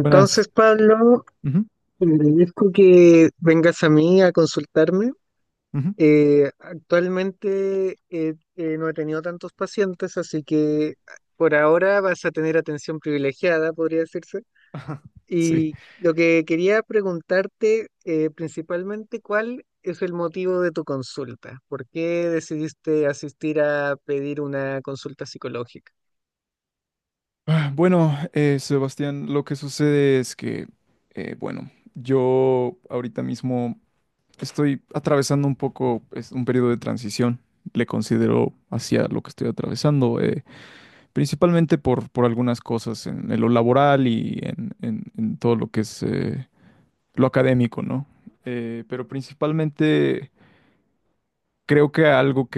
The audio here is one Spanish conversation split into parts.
Buenas. Pablo, Ujú, le agradezco que vengas a mí a consultarme. ujú. Actualmente, no he tenido tantos pacientes, así que por ahora vas a tener atención privilegiada, podría decirse. Sí. Y lo que quería preguntarte, principalmente, ¿cuál es el motivo de tu consulta? ¿Por qué decidiste asistir a pedir una consulta psicológica? Bueno, Sebastián, lo que sucede es que, eh, bueno, yo ahorita mismo estoy atravesando un poco es un periodo de transición, le considero hacia lo que estoy atravesando, principalmente por algunas cosas en lo laboral y en todo lo que es lo académico, ¿no? Pero principalmente creo que algo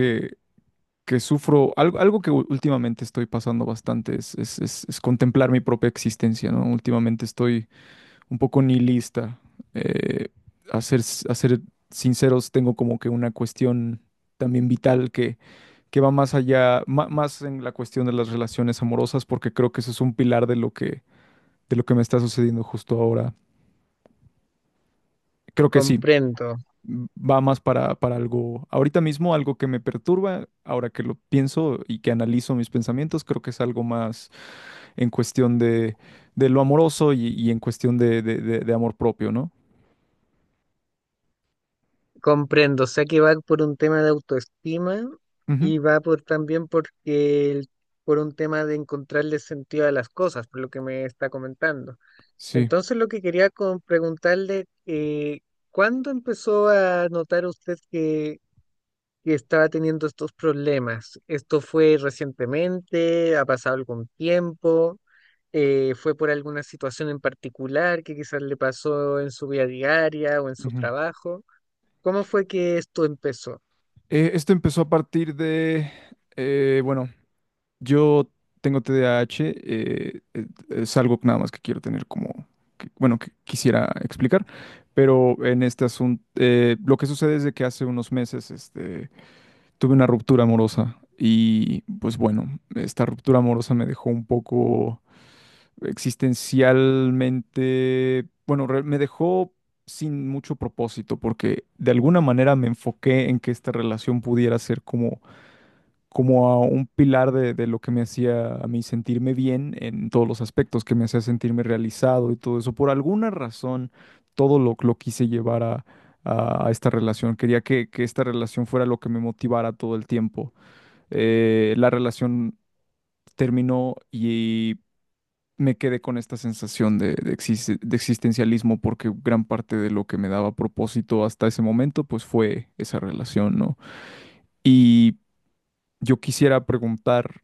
que sufro, algo que últimamente estoy pasando bastante es contemplar mi propia existencia, ¿no? Últimamente estoy un poco nihilista. eh, a ser sinceros, tengo como que una cuestión también vital que va más allá, más en la cuestión de las relaciones amorosas, porque creo que eso es un pilar de lo que me está sucediendo justo ahora. Creo que sí, Comprendo. va más para algo, ahorita mismo algo que me perturba, ahora que lo pienso y que analizo mis pensamientos, creo que es algo más en cuestión de lo amoroso y en cuestión de amor propio, ¿no? Comprendo, o sea que va por un tema de autoestima Ujú. y va por también por un tema de encontrarle sentido a las cosas, por lo que me está comentando. Sí. Entonces lo que quería preguntarle, ¿cuándo empezó a notar usted que estaba teniendo estos problemas? ¿Esto fue recientemente? ¿Ha pasado algún tiempo? ¿fue por alguna situación en particular que quizás le pasó en su vida diaria o en su Ujú. trabajo? ¿Cómo fue que esto empezó? Esto empezó a partir de, eh, bueno, yo tengo TDAH, es algo nada más que quiero tener como, que quisiera explicar, pero en este asunto, lo que sucede es de que hace unos meses, este... Tuve una ruptura amorosa y pues bueno, esta ruptura amorosa me dejó un poco existencialmente, bueno, me dejó sin mucho propósito porque de alguna manera me enfoqué en que esta relación pudiera ser como a un pilar de lo que me hacía a mí sentirme bien en todos los aspectos, que me hacía sentirme realizado y todo eso. Por alguna razón, todo lo quise llevar a esta relación. Quería que esta relación fuera lo que me motivara todo el tiempo. La relación terminó y me quedé con esta sensación de existencialismo porque gran parte de lo que me daba propósito hasta ese momento pues fue esa relación, ¿no? Y yo quisiera preguntar,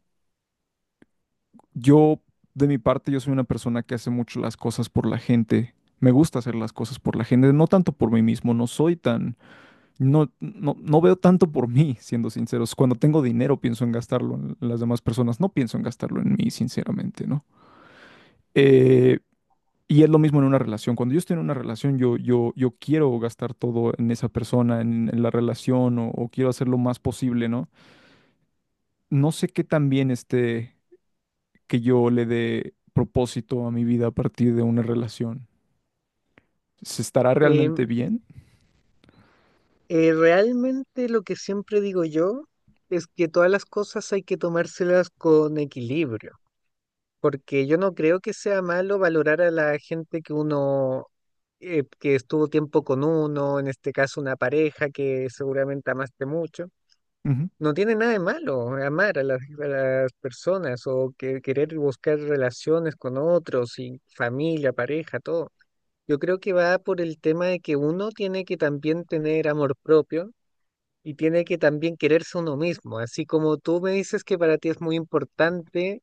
yo de mi parte yo soy una persona que hace mucho las cosas por la gente. Me gusta hacer las cosas por la gente, no tanto por mí mismo, no soy tan, no, no, no veo tanto por mí, siendo sinceros. Cuando tengo dinero pienso en gastarlo en las demás personas, no pienso en gastarlo en mí, sinceramente, ¿no? Eh, y es lo mismo en una relación. Cuando yo estoy en una relación, yo quiero gastar todo en esa persona, en la relación, o quiero hacer lo más posible, ¿no? No sé qué tan bien esté que yo le dé propósito a mi vida a partir de una relación. ¿Se estará Em, realmente bien? Realmente lo que siempre digo yo es que todas las cosas hay que tomárselas con equilibrio, porque yo no creo que sea malo valorar a la gente que uno, que estuvo tiempo con uno, en este caso una pareja que seguramente amaste mucho. Ujú. No tiene nada de malo amar a las personas o que, querer buscar relaciones con otros y familia, pareja, todo. Yo creo que va por el tema de que uno tiene que también tener amor propio y tiene que también quererse uno mismo. Así como tú me dices que para ti es muy importante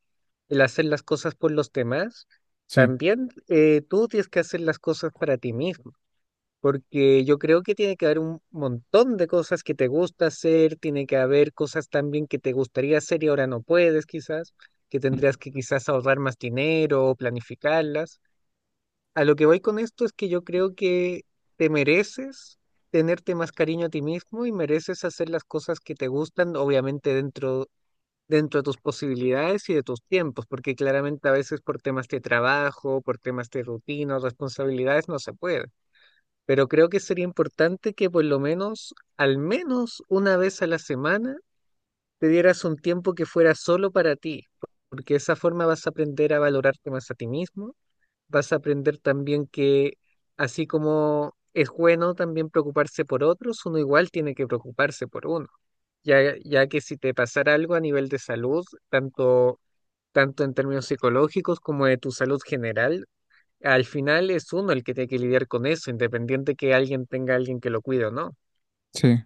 el hacer las cosas por los demás, Sí, también tú tienes que hacer las cosas para ti mismo. Porque yo creo que tiene que haber un montón de cosas que te gusta hacer, tiene que haber cosas también que te gustaría hacer y ahora no puedes quizás, que tendrías que quizás ahorrar más dinero o planificarlas. A lo que voy con esto es que yo creo que te mereces tenerte más cariño a ti mismo y mereces hacer las cosas que te gustan, obviamente dentro de tus posibilidades y de tus tiempos, porque claramente a veces por temas de trabajo, por temas de rutina, responsabilidades, no se puede. Pero creo que sería importante que por lo menos, al menos una vez a la semana, te dieras un tiempo que fuera solo para ti, porque de esa forma vas a aprender a valorarte más a ti mismo, vas a aprender también que así como es bueno también preocuparse por otros, uno igual tiene que preocuparse por uno, ya que si te pasara algo a nivel de salud, tanto, tanto en términos psicológicos como de tu salud general, al final es uno el que tiene que lidiar con eso, independiente que alguien tenga a alguien que lo cuide o no. sí.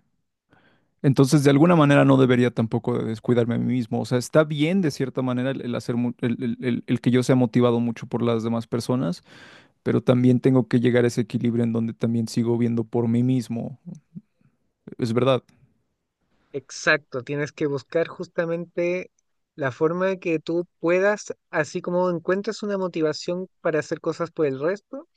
Entonces, de alguna manera no debería tampoco de descuidarme a mí mismo. O sea, está bien de cierta manera el hacer mu- el que yo sea motivado mucho por las demás personas, pero también tengo que llegar a ese equilibrio en donde también sigo viendo por mí mismo. Es verdad. Exacto, tienes que buscar justamente la forma de que tú puedas, así como encuentras una motivación para hacer cosas por el resto,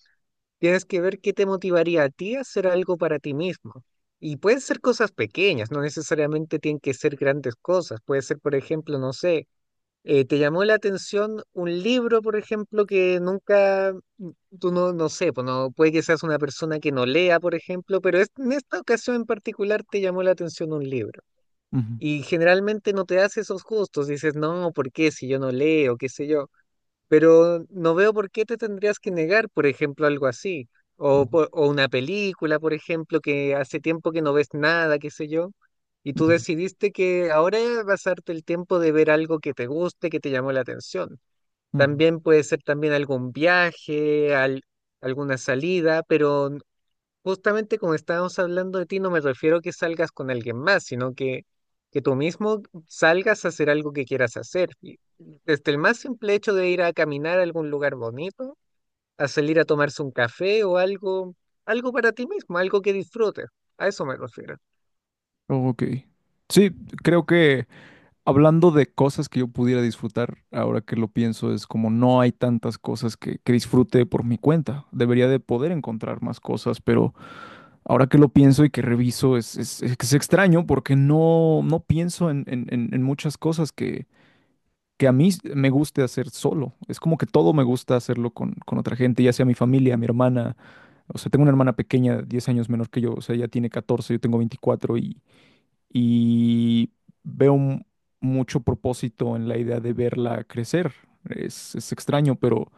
tienes que ver qué te motivaría a ti a hacer algo para ti mismo. Y pueden ser cosas pequeñas, no necesariamente tienen que ser grandes cosas. Puede ser, por ejemplo, no sé, te llamó la atención un libro, por ejemplo, que nunca, tú no, no sé, pues no, puede que seas una persona que no lea, por ejemplo, pero en esta ocasión en particular te llamó la atención un libro. Ujú, Y generalmente no te das esos gustos, dices, no, ¿por qué si yo no leo, qué sé yo? Pero no veo por qué te tendrías que negar, por ejemplo, algo así. O, ujú, o una película, por ejemplo, que hace tiempo que no ves nada, qué sé yo, y tú decidiste que ahora vas a darte el tiempo de ver algo que te guste, que te llamó la atención. ujú, También puede ser también algún viaje, alguna salida, pero justamente como estábamos hablando de ti, no me refiero a que salgas con alguien más, sino que tú mismo salgas a hacer algo que quieras hacer. Y desde el más simple hecho de ir a caminar a algún lugar bonito, a salir a tomarse un café o algo, algo para ti mismo, algo que disfrutes. A eso me refiero. ujú. Ok. Sí, creo que hablando de cosas que yo pudiera disfrutar, ahora que lo pienso, es como no hay tantas cosas que disfrute por mi cuenta. Debería de poder encontrar más cosas, pero ahora que lo pienso y que reviso, es extraño porque no pienso en muchas cosas que a mí me guste hacer solo. Es como que todo me gusta hacerlo con otra gente, ya sea mi familia, mi hermana. O sea, tengo una hermana pequeña, 10 años menor que yo, o sea, ella tiene 14, yo tengo 24, y veo mucho propósito en la idea de verla crecer. Es extraño, pero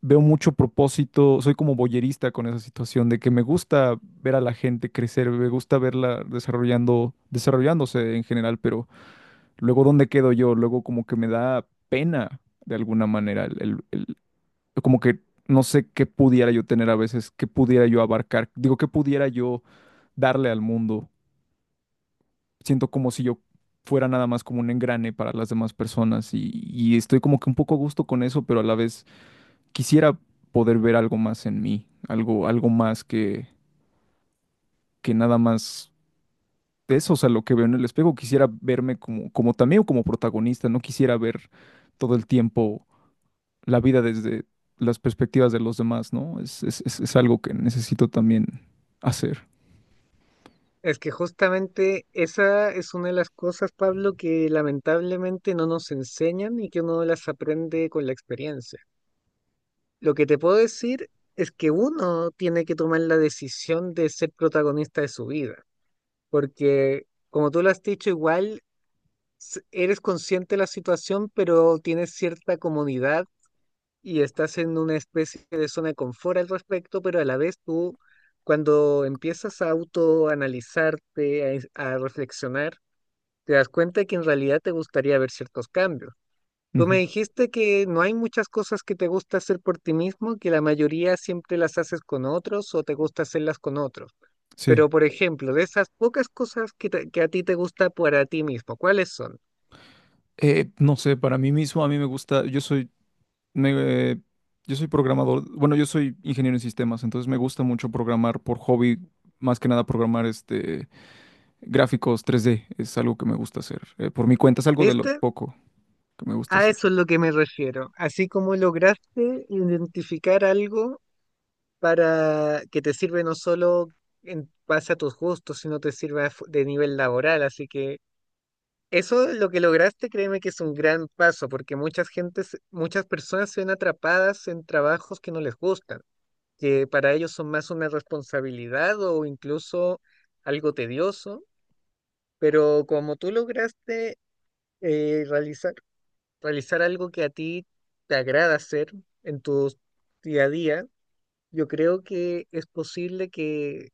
veo mucho propósito, soy como boyerista con esa situación de que me gusta ver a la gente crecer, me gusta verla desarrollando, desarrollándose en general, pero luego ¿dónde quedo yo? Luego como que me da pena de alguna manera, como que no sé qué pudiera yo tener a veces, qué pudiera yo abarcar, digo, qué pudiera yo darle al mundo. Siento como si yo fuera nada más como un engrane para las demás personas y estoy como que un poco a gusto con eso, pero a la vez quisiera poder ver algo más en mí, algo más que nada más de eso, o sea, lo que veo en el espejo, quisiera verme como también como protagonista, no quisiera ver todo el tiempo la vida desde las perspectivas de los demás, ¿no? Es algo que necesito también hacer. Es que justamente esa es una de las cosas, Pablo, que lamentablemente no nos enseñan y que uno las aprende con la experiencia. Lo que te puedo decir es que uno tiene que tomar la decisión de ser protagonista de su vida, porque como tú lo has dicho, igual eres consciente de la situación, pero tienes cierta comodidad y estás en una especie de zona de confort al respecto, pero a la vez tú, cuando empiezas a autoanalizarte, a reflexionar, te das cuenta que en realidad te gustaría ver ciertos cambios. Tú me Ujú. dijiste que no hay muchas cosas que te gusta hacer por ti mismo, que la mayoría siempre las haces con otros o te gusta hacerlas con otros. Sí. Pero, por ejemplo, de esas pocas cosas que, que a ti te gusta para ti mismo, ¿cuáles son? No sé, para mí mismo, a mí me gusta, me, eh, yo soy programador, bueno, yo soy ingeniero en sistemas, entonces me gusta mucho programar por hobby, más que nada programar gráficos 3D es algo que me gusta hacer. Por mi cuenta es algo de lo ¿Viste? poco que me gusta A hacer. eso es lo que me refiero. Así como lograste identificar algo para que te sirve no solo en base a tus gustos, sino te sirve a de nivel laboral. Así que eso lo que lograste, créeme que es un gran paso, porque muchas gentes, muchas personas se ven atrapadas en trabajos que no les gustan, que para ellos son más una responsabilidad o incluso algo tedioso, pero como tú lograste eh, realizar, realizar algo que a ti te agrada hacer en tu día a día, yo creo que es posible que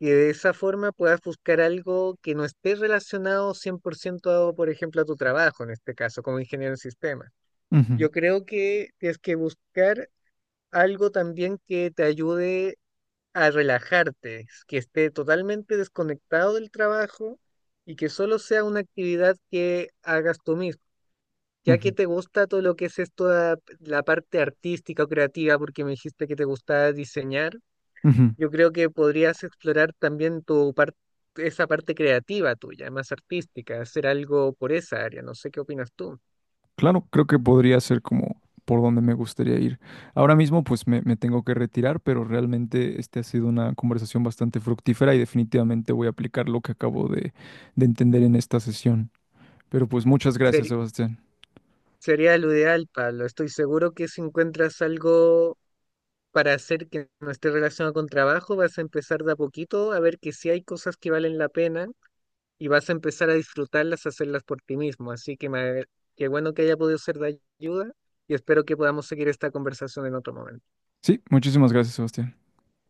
de esa forma puedas buscar algo que no esté relacionado 100% a, por ejemplo, a tu trabajo, en este caso, como ingeniero en sistemas. Ujú, Yo creo que tienes que buscar algo también que te ayude a relajarte, que esté totalmente desconectado del trabajo y que solo sea una actividad que hagas tú mismo. Ya que ujú, te gusta todo lo que es esto, la parte artística o creativa, porque me dijiste que te gustaba diseñar, ujú. yo creo que podrías explorar también tu parte, esa parte creativa tuya, más artística, hacer algo por esa área. No sé qué opinas tú. Claro, creo que podría ser como por donde me gustaría ir. Ahora mismo pues me tengo que retirar, pero realmente este ha sido una conversación bastante fructífera y definitivamente voy a aplicar lo que acabo de entender en esta sesión. Pero pues muchas gracias, Ser- Sebastián. Sería lo ideal, Pablo. Estoy seguro que si encuentras algo para hacer que no esté relacionado con trabajo, vas a empezar de a poquito a ver que sí hay cosas que valen la pena y vas a empezar a disfrutarlas, a hacerlas por ti mismo. Así que qué bueno que haya podido ser de ayuda y espero que podamos seguir esta conversación en otro momento. Sí, muchísimas gracias, Sebastián.